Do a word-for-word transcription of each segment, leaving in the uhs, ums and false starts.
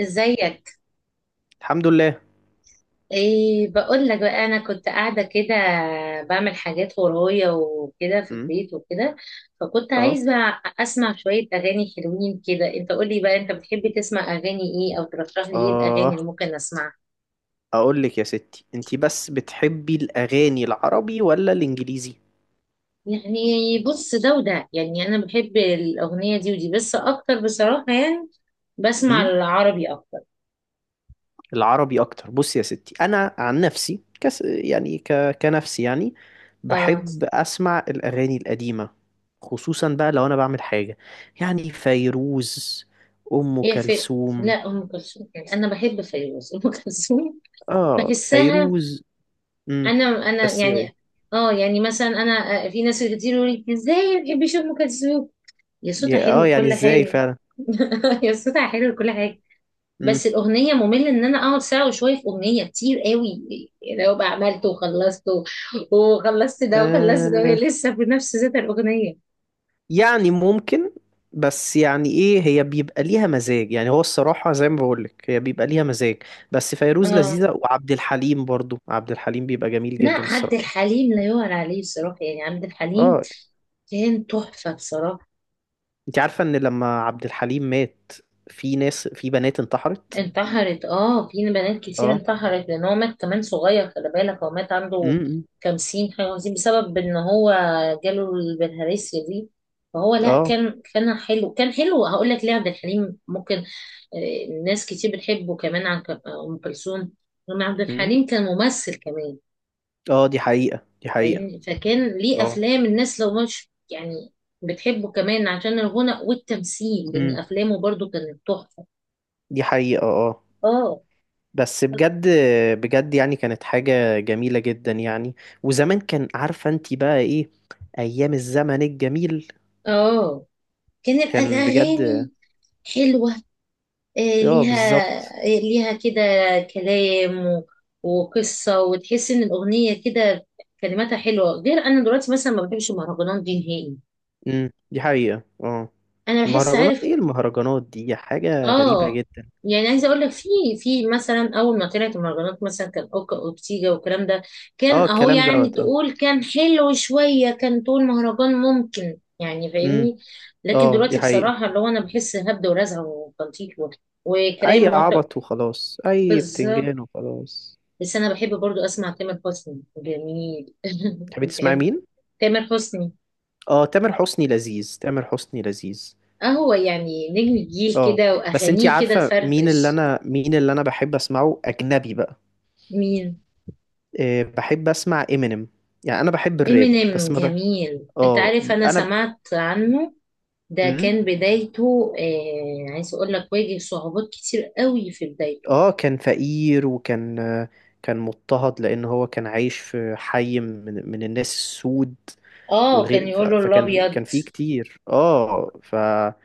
ازيك؟ الحمد لله. ايه، بقول لك بقى، انا كنت قاعده كده بعمل حاجات ورايا وكده في امم البيت وكده، فكنت اه. عايزه اسمع شويه اغاني حلوين كده. انت قول لي بقى، انت بتحب تسمع اغاني ايه او ترشح لي ايه الاغاني اللي اه، ممكن اسمعها؟ اقول لك يا ستي، انتي بس بتحبي الاغاني العربي ولا الانجليزي؟ يعني بص، ده وده، يعني انا بحب الاغنيه دي ودي، بس اكتر بصراحه، يعني بسمع امم العربي اكتر. العربي اكتر. بصي يا ستي، انا عن نفسي كس يعني ك... كنفسي يعني اه، بحب اسمع الاغاني القديمه، خصوصا بقى لو انا بعمل حاجه. يعني فيروز، ام هي في... كلثوم. لا، ام كلثوم، يعني انا بحب فيروز. ام كلثوم اه، بحسها، فيروز. امم انا انا بس يعني يعني... اه، يعني مثلا انا آه، في ناس كتير يقول لي ازاي ما بتحبيش ام كلثوم، يا صوتها يا- اه حلو يعني كل ازاي حاجه. فعلا. يا صوتها حلو كل حاجه، بس الاغنيه ممل ان انا اقعد ساعه وشويه في اغنيه كتير قوي. يعني لو بقى عملت وخلصت و- وخلصت ده وخلصت ده وهي امم لسه بنفس ذات الاغنيه. يعني ممكن، بس يعني ايه، هي بيبقى ليها مزاج، يعني هو الصراحة زي ما بقولك، هي بيبقى ليها مزاج. بس فيروز اه، لذيذة، وعبد الحليم برضو، عبد الحليم بيبقى جميل لا، جدا عبد الصراحة. الحليم لا يعلى عليه بصراحه، يعني عبد الحليم اه، كان تحفه بصراحه. انت عارفة ان لما عبد الحليم مات، في ناس في بنات انتحرت. انتحرت، اه، في بنات كتير اه. انتحرت لان هو مات كمان صغير. خلي بالك، هو مات عنده امم خمسين حاجة وخمسين بسبب ان هو جاله البلهارسيا دي. فهو لا، اه. كان كان حلو، كان حلو. هقول لك ليه عبد الحليم ممكن آه، ناس كتير بتحبه كمان عن ك- ام كلثوم، لان عبد امم الحليم كان ممثل كمان. اه، دي حقيقة دي حقيقة. فاهمني، فكان ليه اه. افلام. الناس لو مش يعني بتحبه كمان عشان الغنى والتمثيل، لان امم افلامه برضو كانت تحفة. دي حقيقة. اه، اه، بس بجد، بجد يعني كانت حاجة جميلة جدا يعني. وزمان، كان عارفة انت بقى ايه، ايام الزمن الجميل، اه، كان الأ- كان بجد. الأغاني حلوة، آه، اه، ليها، بالظبط. آه، ليها كده كلام و- وقصة، وتحس إن الأغنية كده كلماتها حلوة. غير أنا دلوقتي مثلا ما بحبش المهرجانات دي نهائي. امم دي حقيقة. اه، أنا بحس... المهرجانات، عارف؟ ايه المهرجانات دي، حاجة غريبة اه جدا. يعني، عايزه اقول لك في في مثلا اول ما طلعت المهرجانات، مثلا كان اوكا واورتيجا والكلام ده، اه، كان اهو، الكلام يعني دوت. اه. تقول كان حلو شويه، كان تقول مهرجان ممكن، يعني امم فاهمني. لكن اه، دلوقتي دي حقيقة. بصراحه اللي هو انا بحس هبد ورزع وتنطيط و- اي وكلام موت- عبط وخلاص، اي بالظبط. بتنجان وخلاص. بس انا بحب برضو اسمع تامر حسني، جميل. تحبي تسمعي بتحب مين؟ تامر حسني؟ اه، تامر حسني لذيذ، تامر حسني لذيذ. اهو يعني نجم الجيل اه، كده، بس انتي واغانيه كده عارفة مين اللي تفرفش. انا مين اللي انا بحب اسمعه اجنبي بقى؟ مين؟ إيه، بحب اسمع امينيم. يعني انا بحب الراب بس امينيم ما بح... جميل، انت اه. عارف، انا انا، سمعت عنه. ده امم كان بدايته، آه عايز اقول لك، واجه صعوبات كتير قوي في بدايته. اه، كان فقير، وكان آه، كان مضطهد، لان هو كان عايش في حي من, من الناس السود. اه كان وغير ف- يقول له فكان كان الابيض، فيه كتير. اه، فلا،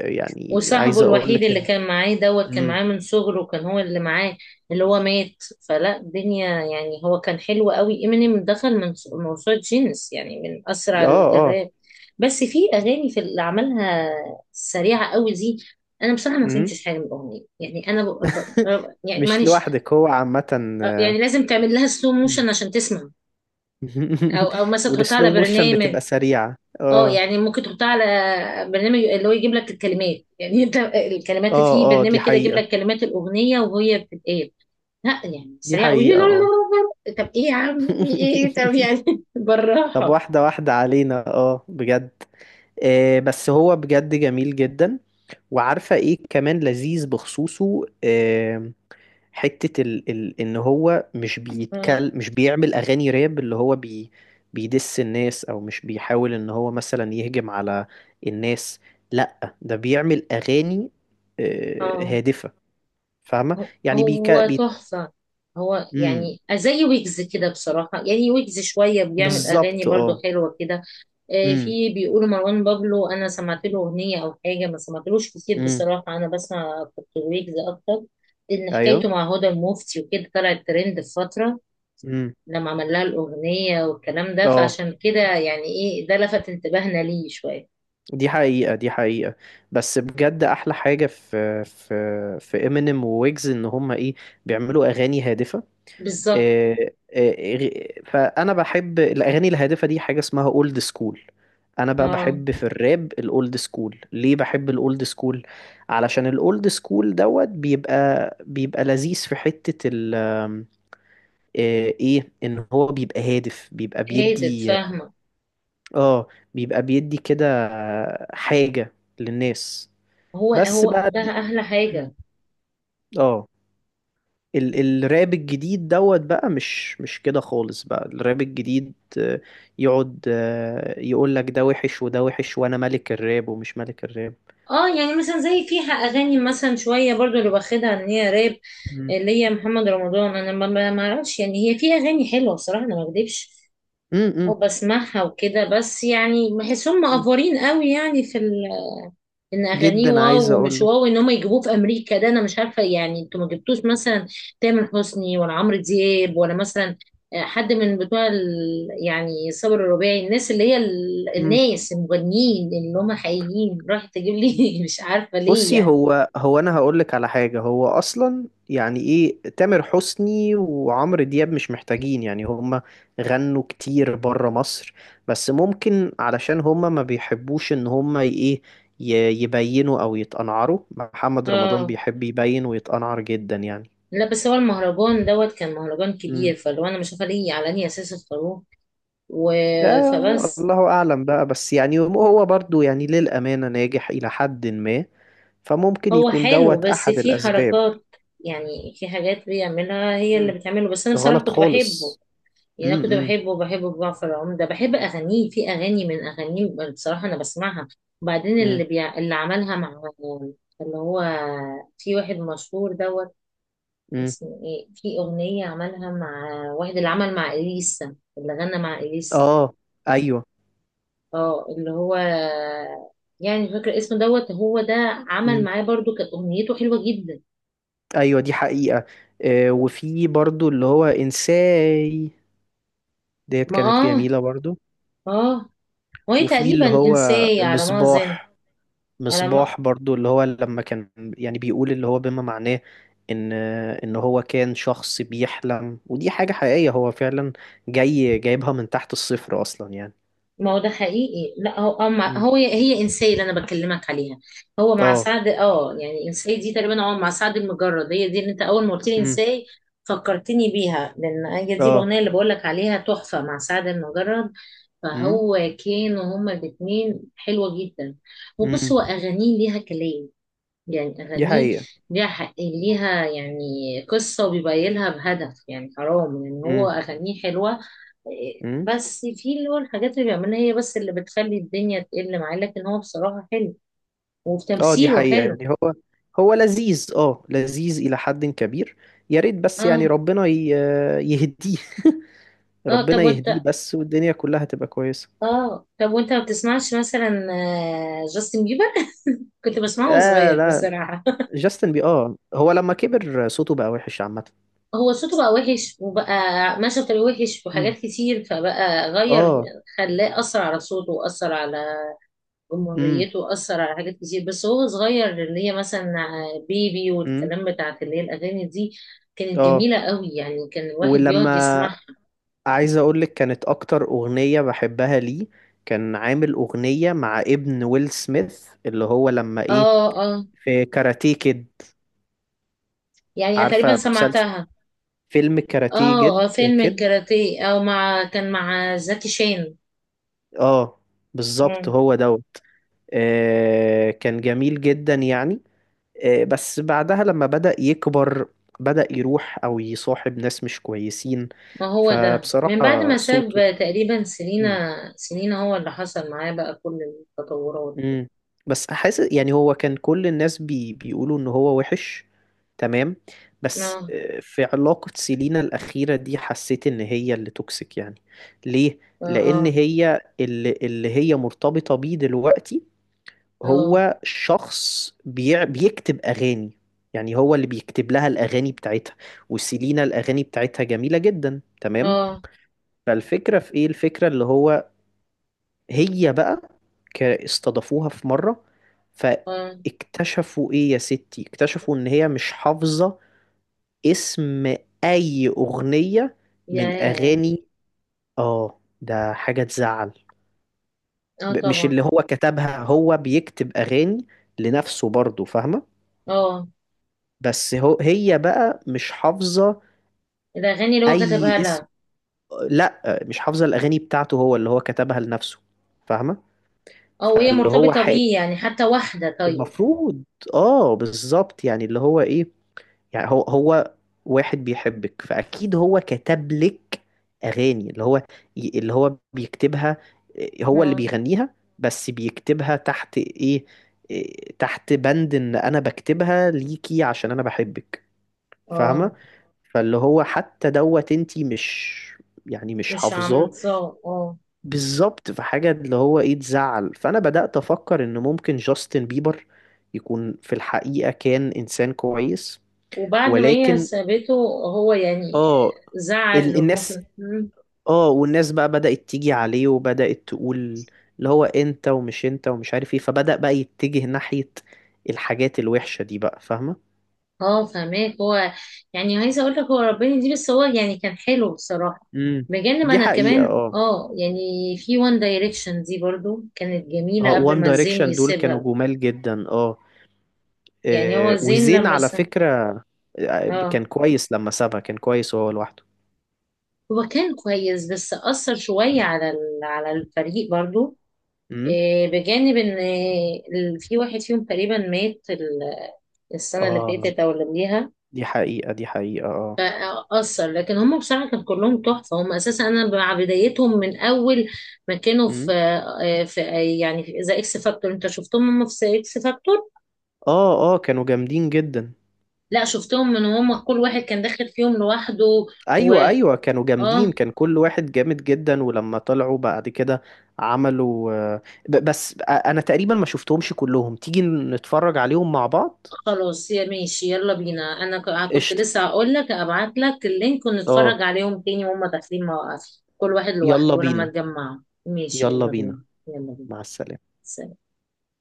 يعني وصاحبه عايز اقول الوحيد لك اللي ان، كان معاه دوت كان امم معاه من صغره، كان هو اللي معاه اللي هو مات. فلا الدنيا، يعني هو كان حلو قوي. امينيم دخل من موسوعة جينيس، يعني من اسرع اه. ال- اه. الراب. بس في اغاني، في اللي عملها سريعه قوي دي. انا بصراحه ما امم فهمتش حاجه من الاغنيه، يعني انا ب... ب... ب- يعني مش معلش. لوحدك، هو عامة. آه، يعني لازم تعمل لها سلو مم. موشن عشان تسمع، او او مثلا تحطها على والسلو موشن برنامج. بتبقى سريعة. اه اه. يعني ممكن تحطها على برنامج اللي هو يجيب لك الكلمات. يعني انت الكلمات في اه، اه، دي برنامج كده يجيب حقيقة لك كلمات الاغنيه وهي بتتقال. لا، يعني دي سريع قوي، لا حقيقة. لا لا اه. لا لا. طب ايه يا عمي، ايه طب، يعني طب بالراحه. واحدة واحدة علينا، اه بجد. آه بس هو بجد جميل جدا. وعارفة ايه كمان لذيذ بخصوصه؟ آه حتة ال ال ان هو مش بيتكل مش بيعمل اغاني راب اللي هو بي بيدس الناس، او مش بيحاول ان هو مثلا يهجم على الناس. لا، ده بيعمل اغاني آه اه، هادفة، فاهمة. هو يعني بيك هو بي... تحفة. هو مم، يعني زي ويجز كده بصراحة، يعني ويجز شوية بيعمل أغاني بالظبط. برضو اه. حلوة كده. آه، امم في بيقولوا مروان بابلو، أنا سمعت له أغنية أو حاجة، ما سمعتلوش كتير امم بصراحة. أنا بسمع كنت ويجز أكتر، لأن ايوه. حكايته مع هدى المفتي وكده طلعت ترند في فترة لما عمل لها الأغنية والكلام ده، اه، فعشان كده يعني إيه ده لفت انتباهنا ليه شوية. دي حقيقة دي حقيقة. بس بجد، أحلى حاجة في في في امينيم وويجز، إن هما إيه، بيعملوا أغاني هادفة. بالظبط. إيه، إيه، فأنا بحب الأغاني الهادفة دي، حاجة اسمها أولد سكول. أنا بقى اه بحب في الراب الأولد سكول. ليه بحب الأولد سكول؟ علشان الأولد سكول دوت بيبقى بيبقى لذيذ. في حتة ال آه، إيه، إن هو بيبقى هادف، بيبقى هادف، بيدي. فاهمة. اه، بيبقى بيدي كده حاجة للناس. هو بس هو بقى، ده أحلى مم. حاجة. اه، ال الراب الجديد دوت بقى، مش مش كده خالص بقى، الراب الجديد آه، يقعد يقول لك ده وحش وده وحش، وانا ملك الراب ومش ملك الراب. اه يعني مثلا زي فيها اغاني مثلا شويه برضو اللي واخدها ان هي راب، مم. اللي هي محمد رمضان، انا ما ما- ما اعرفش، يعني هي فيها اغاني حلوه بصراحه، انا ما اكدبش مم، وبسمعها وكده. بس يعني بحسهم مم. مقفورين قوي، يعني في ان اغانيه جدا، عايز واو اقول ومش لك، واو، ان هم يجيبوه في امريكا، ده انا مش عارفه. يعني انتوا ما جبتوش مثلا تامر حسني، ولا عمرو دياب، ولا مثلا آه، حد من بتوع ال... يعني صابر الرباعي، الناس اللي هي ال... امم. الناس المغنيين اللي هم حقيقيين، راح تجيب لي مش عارفه ليه بصي، يعني. هو هو انا هقول لك على حاجه، هو اصلا يعني ايه، تامر حسني وعمرو دياب مش محتاجين، يعني هما غنوا كتير بره مصر. بس ممكن علشان هما ما بيحبوش ان هما ي- ايه ي- يبينوا او يتقنعروا. محمد رمضان اه، بيحب يبين ويتقنعر جدا يعني. لا، بس هو المهرجان دوت كان مهرجان كبير، امم فلو انا مش عارفه ليه على انهي اساس اختاروه و... آه، فبس. الله اعلم بقى، بس يعني هو برضو يعني للامانه ناجح الى حد ما، فممكن هو يكون حلو، دوت بس احد في الاسباب. حركات، يعني في حاجات بيعملها هي اللي مم. بتعمله، بس انا بصراحه غلط كنت بحبه. خالص. يعني انا كنت امم بحبه بحبه. جعفر العمدة، بحب اغانيه، في اغاني من اغانيه بصراحة انا بسمعها. وبعدين مم. اللي بيع... اللي عملها مع اللي هو في واحد مشهور دوت مم. اسمه ايه، في اغنية عملها مع واحد اللي عمل مع اليسا، اللي غنى مع اليسا. اه. ايوه. اه، اللي هو يعني مش فاكرة اسمه دوت، هو ده عمل مم. معاه برضو كانت اغنيته حلوة جدا. ايوه، دي حقيقة. آه، وفي برضو اللي هو انساي، ديت ما كانت اه، جميلة برضو. اه، وهي وفي تقريبا اللي هو انساي على ما اظن. مصباح، على ما... مصباح برضو، اللي هو لما كان يعني بيقول اللي هو بما معناه ان ان هو كان شخص بيحلم. ودي حاجة حقيقية، هو فعلا جاي جايبها من تحت الصفر اصلا يعني. ما هو ده حقيقي. لا، هو هو مع- مم. هو هي انسيه اللي انا بكلمك عليها. هو مع اه. سعد، اه يعني انسيه دي تقريبا هو مع سعد المجرد، هي دي اللي انت اول ما قلت لي مم. انسيه فكرتني بيها، لان هي دي اه. الاغنيه اللي بقول لك عليها تحفه مع سعد المجرد. مم. فهو كانوا هما الاثنين حلوه جدا. وبص، مم. هو اغانيه ليها كلام، يعني دي أغانيه حقيقة. ليها حق، ليها يعني قصة، وبيبين لها بهدف. يعني حرام، يعني هو مم. أغانيه حلوة. إيه، مم. بس في اللي هو الحاجات اللي بيعملها هي بس اللي بتخلي الدنيا تقل معاه، لكن هو بصراحة حلو اه، دي وتمثيله حقيقة، حلو. يعني هو هو لذيذ اه لذيذ إلى حد كبير. يا ريت بس يعني اه، ربنا ي- يهديه. اه، ربنا طب يهديه وانت، بس، والدنيا كلها تبقى كويسة. اه طب وانت ما بتسمعش مثلا آه، جاستن بيبر؟ كنت بسمعه وأنا آه صغير لا، بصراحة. جاستن بي اه هو لما كبر صوته بقى وحش عامة. هو صوته بقى وحش، وبقى ماشي بطريقة وحش مم. وحاجات كتير، فبقى غير. اه. خلاه أثر على صوته، وأثر على امم جمهوريته، أثر على حاجات كتير. بس هو صغير اللي هي مثلا بيبي امم والكلام بتاعت اللي هي الأغاني دي، كانت اه، جميلة قوي يعني، كان الواحد بيقعد ولما، يسمعها. عايز اقول لك كانت اكتر اغنية بحبها ليه، كان عامل اغنية مع ابن ويل سميث، اللي هو لما اه، ايه، اه، في كاراتيه كيد. يعني أنا تقريبا عارفة مسلسل، سمعتها. فيلم كاراتيه اه، جد اه، فيلم كد. الكاراتيه، او مع، كان مع زكي شان. اه، بالظبط، مم. هو دوت. آه، كان جميل جدا يعني. آه، بس بعدها لما بدأ يكبر، بدأ يروح او يصاحب ناس مش كويسين، ما هو ده من بعد ما فبصراحة ساب، صوته، تقريبا سنينة. مم. سنينة هو اللي حصل معاه بقى كل التطورات. امم بس حاسس يعني هو، كان كل الناس بي بيقولوا ان هو وحش، تمام؟ بس اه، آه، في علاقة سيلينا الأخيرة دي، حسيت ان هي اللي توكسيك يعني. ليه؟ اه، لأن اه، هي اللي, اللي هي مرتبطة بيه دلوقتي، اه، هو شخص بيع بيكتب أغاني. يعني هو اللي بيكتب لها الأغاني بتاعتها، وسيلينا الأغاني بتاعتها جميلة جدا، تمام؟ اه، فالفكرة في ايه؟ الفكرة اللي هو، هي بقى ك- استضافوها في مرة، آه. فاكتشفوا ايه يا ستي، اكتشفوا ان هي مش حافظة اسم اي اغنية من ياه. اغاني. اه، ده حاجة تزعل. اه ب- مش طبعا. اللي هو كتبها، هو بيكتب اغاني لنفسه برضه، فاهمة؟ اه بس هو هي بقى مش حافظة الأغاني اللي هو اي كتبها اسم. لها، لا، مش حافظة الاغاني بتاعته، هو اللي هو كتبها لنفسه، فاهمة. أو هي فاللي هو مرتبطة ح- بيه، يعني حتى واحدة طيب. المفروض، اه بالظبط، يعني اللي هو ايه، يعني هو هو واحد بيحبك، فاكيد هو كتب لك اغاني اللي هو ي- اللي هو بيكتبها. إيه، هو اللي اه. بيغنيها بس بيكتبها تحت ايه، إيه، تحت بند ان انا بكتبها ليكي عشان انا بحبك، فاهمة؟ آه، فاللي هو حتى دوت انتي مش يعني مش مش حافظاه. عاملاه. اه، بالظبط، في حاجة اللي هو ايه تزعل. فأنا بدأت أفكر إن ممكن جاستن بيبر يكون في الحقيقة كان إنسان كويس، وبعد ما هي ولكن، سابته هو يعني اه، ال- زعل، الناس، وممكن مم. اه، والناس بقى بدأت تيجي عليه، وبدأت تقول اللي هو انت ومش انت ومش عارف ايه، فبدأ بقى يتجه ناحية الحاجات الوحشة دي بقى، فاهمة؟ اه، فهماك هو، يعني عايزة أقول لك هو ربنا دي، بس هو يعني كان حلو بصراحة، امم بجانب دي أنا حقيقة. كمان اه. اه يعني في وان دايركشن دي برضو كانت جميلة اه، قبل وان ما زين دايركشن دول كانوا يسيبها. جمال جدا. اه، يعني هو آه، زين وزين لما على س... فكرة، آه، اه، كان كويس لما سابها، كان كويس وهو لوحده. هو كان كويس، بس أثر شوية على ال- على الفريق برضو. امم إيه، بجانب ان إيه، ال- في واحد فيهم تقريبا مات ال- السنة اللي اه، فاتت او اللي قبليها. دي حقيقة دي حقيقة. اه. فأثر، لكن هم بصراحة كانوا كلهم تحفة. هم اساسا انا مع بدايتهم من اول ما كانوا في امم آه، في آه، يعني في ذا اكس فاكتور. انت شفتهم هم في ذا اكس فاكتور. اه. اه، كانوا جامدين جدا. لا، شفتهم من هم كل واحد كان داخل فيهم لوحده، و ايوه، ايوه، كانوا جامدين، اه كان كل واحد جامد جدا. ولما طلعوا بعد كده عملوا آه، ب- بس آه، انا تقريبا ما شفتهمش كلهم تيجي نتفرج عليهم مع بعض. خلاص. يا ماشي، يلا بينا، انا ك- كنت قشطة، لسه هقول لك ابعت لك اللينك اه، ونتفرج عليهم تاني وهم داخلين مواقف كل واحد لوحده يلا ولما بينا. اتجمعوا. ماشي، يلا يلا بينا. بينا، يلا بينا. مع السلامة. سلام.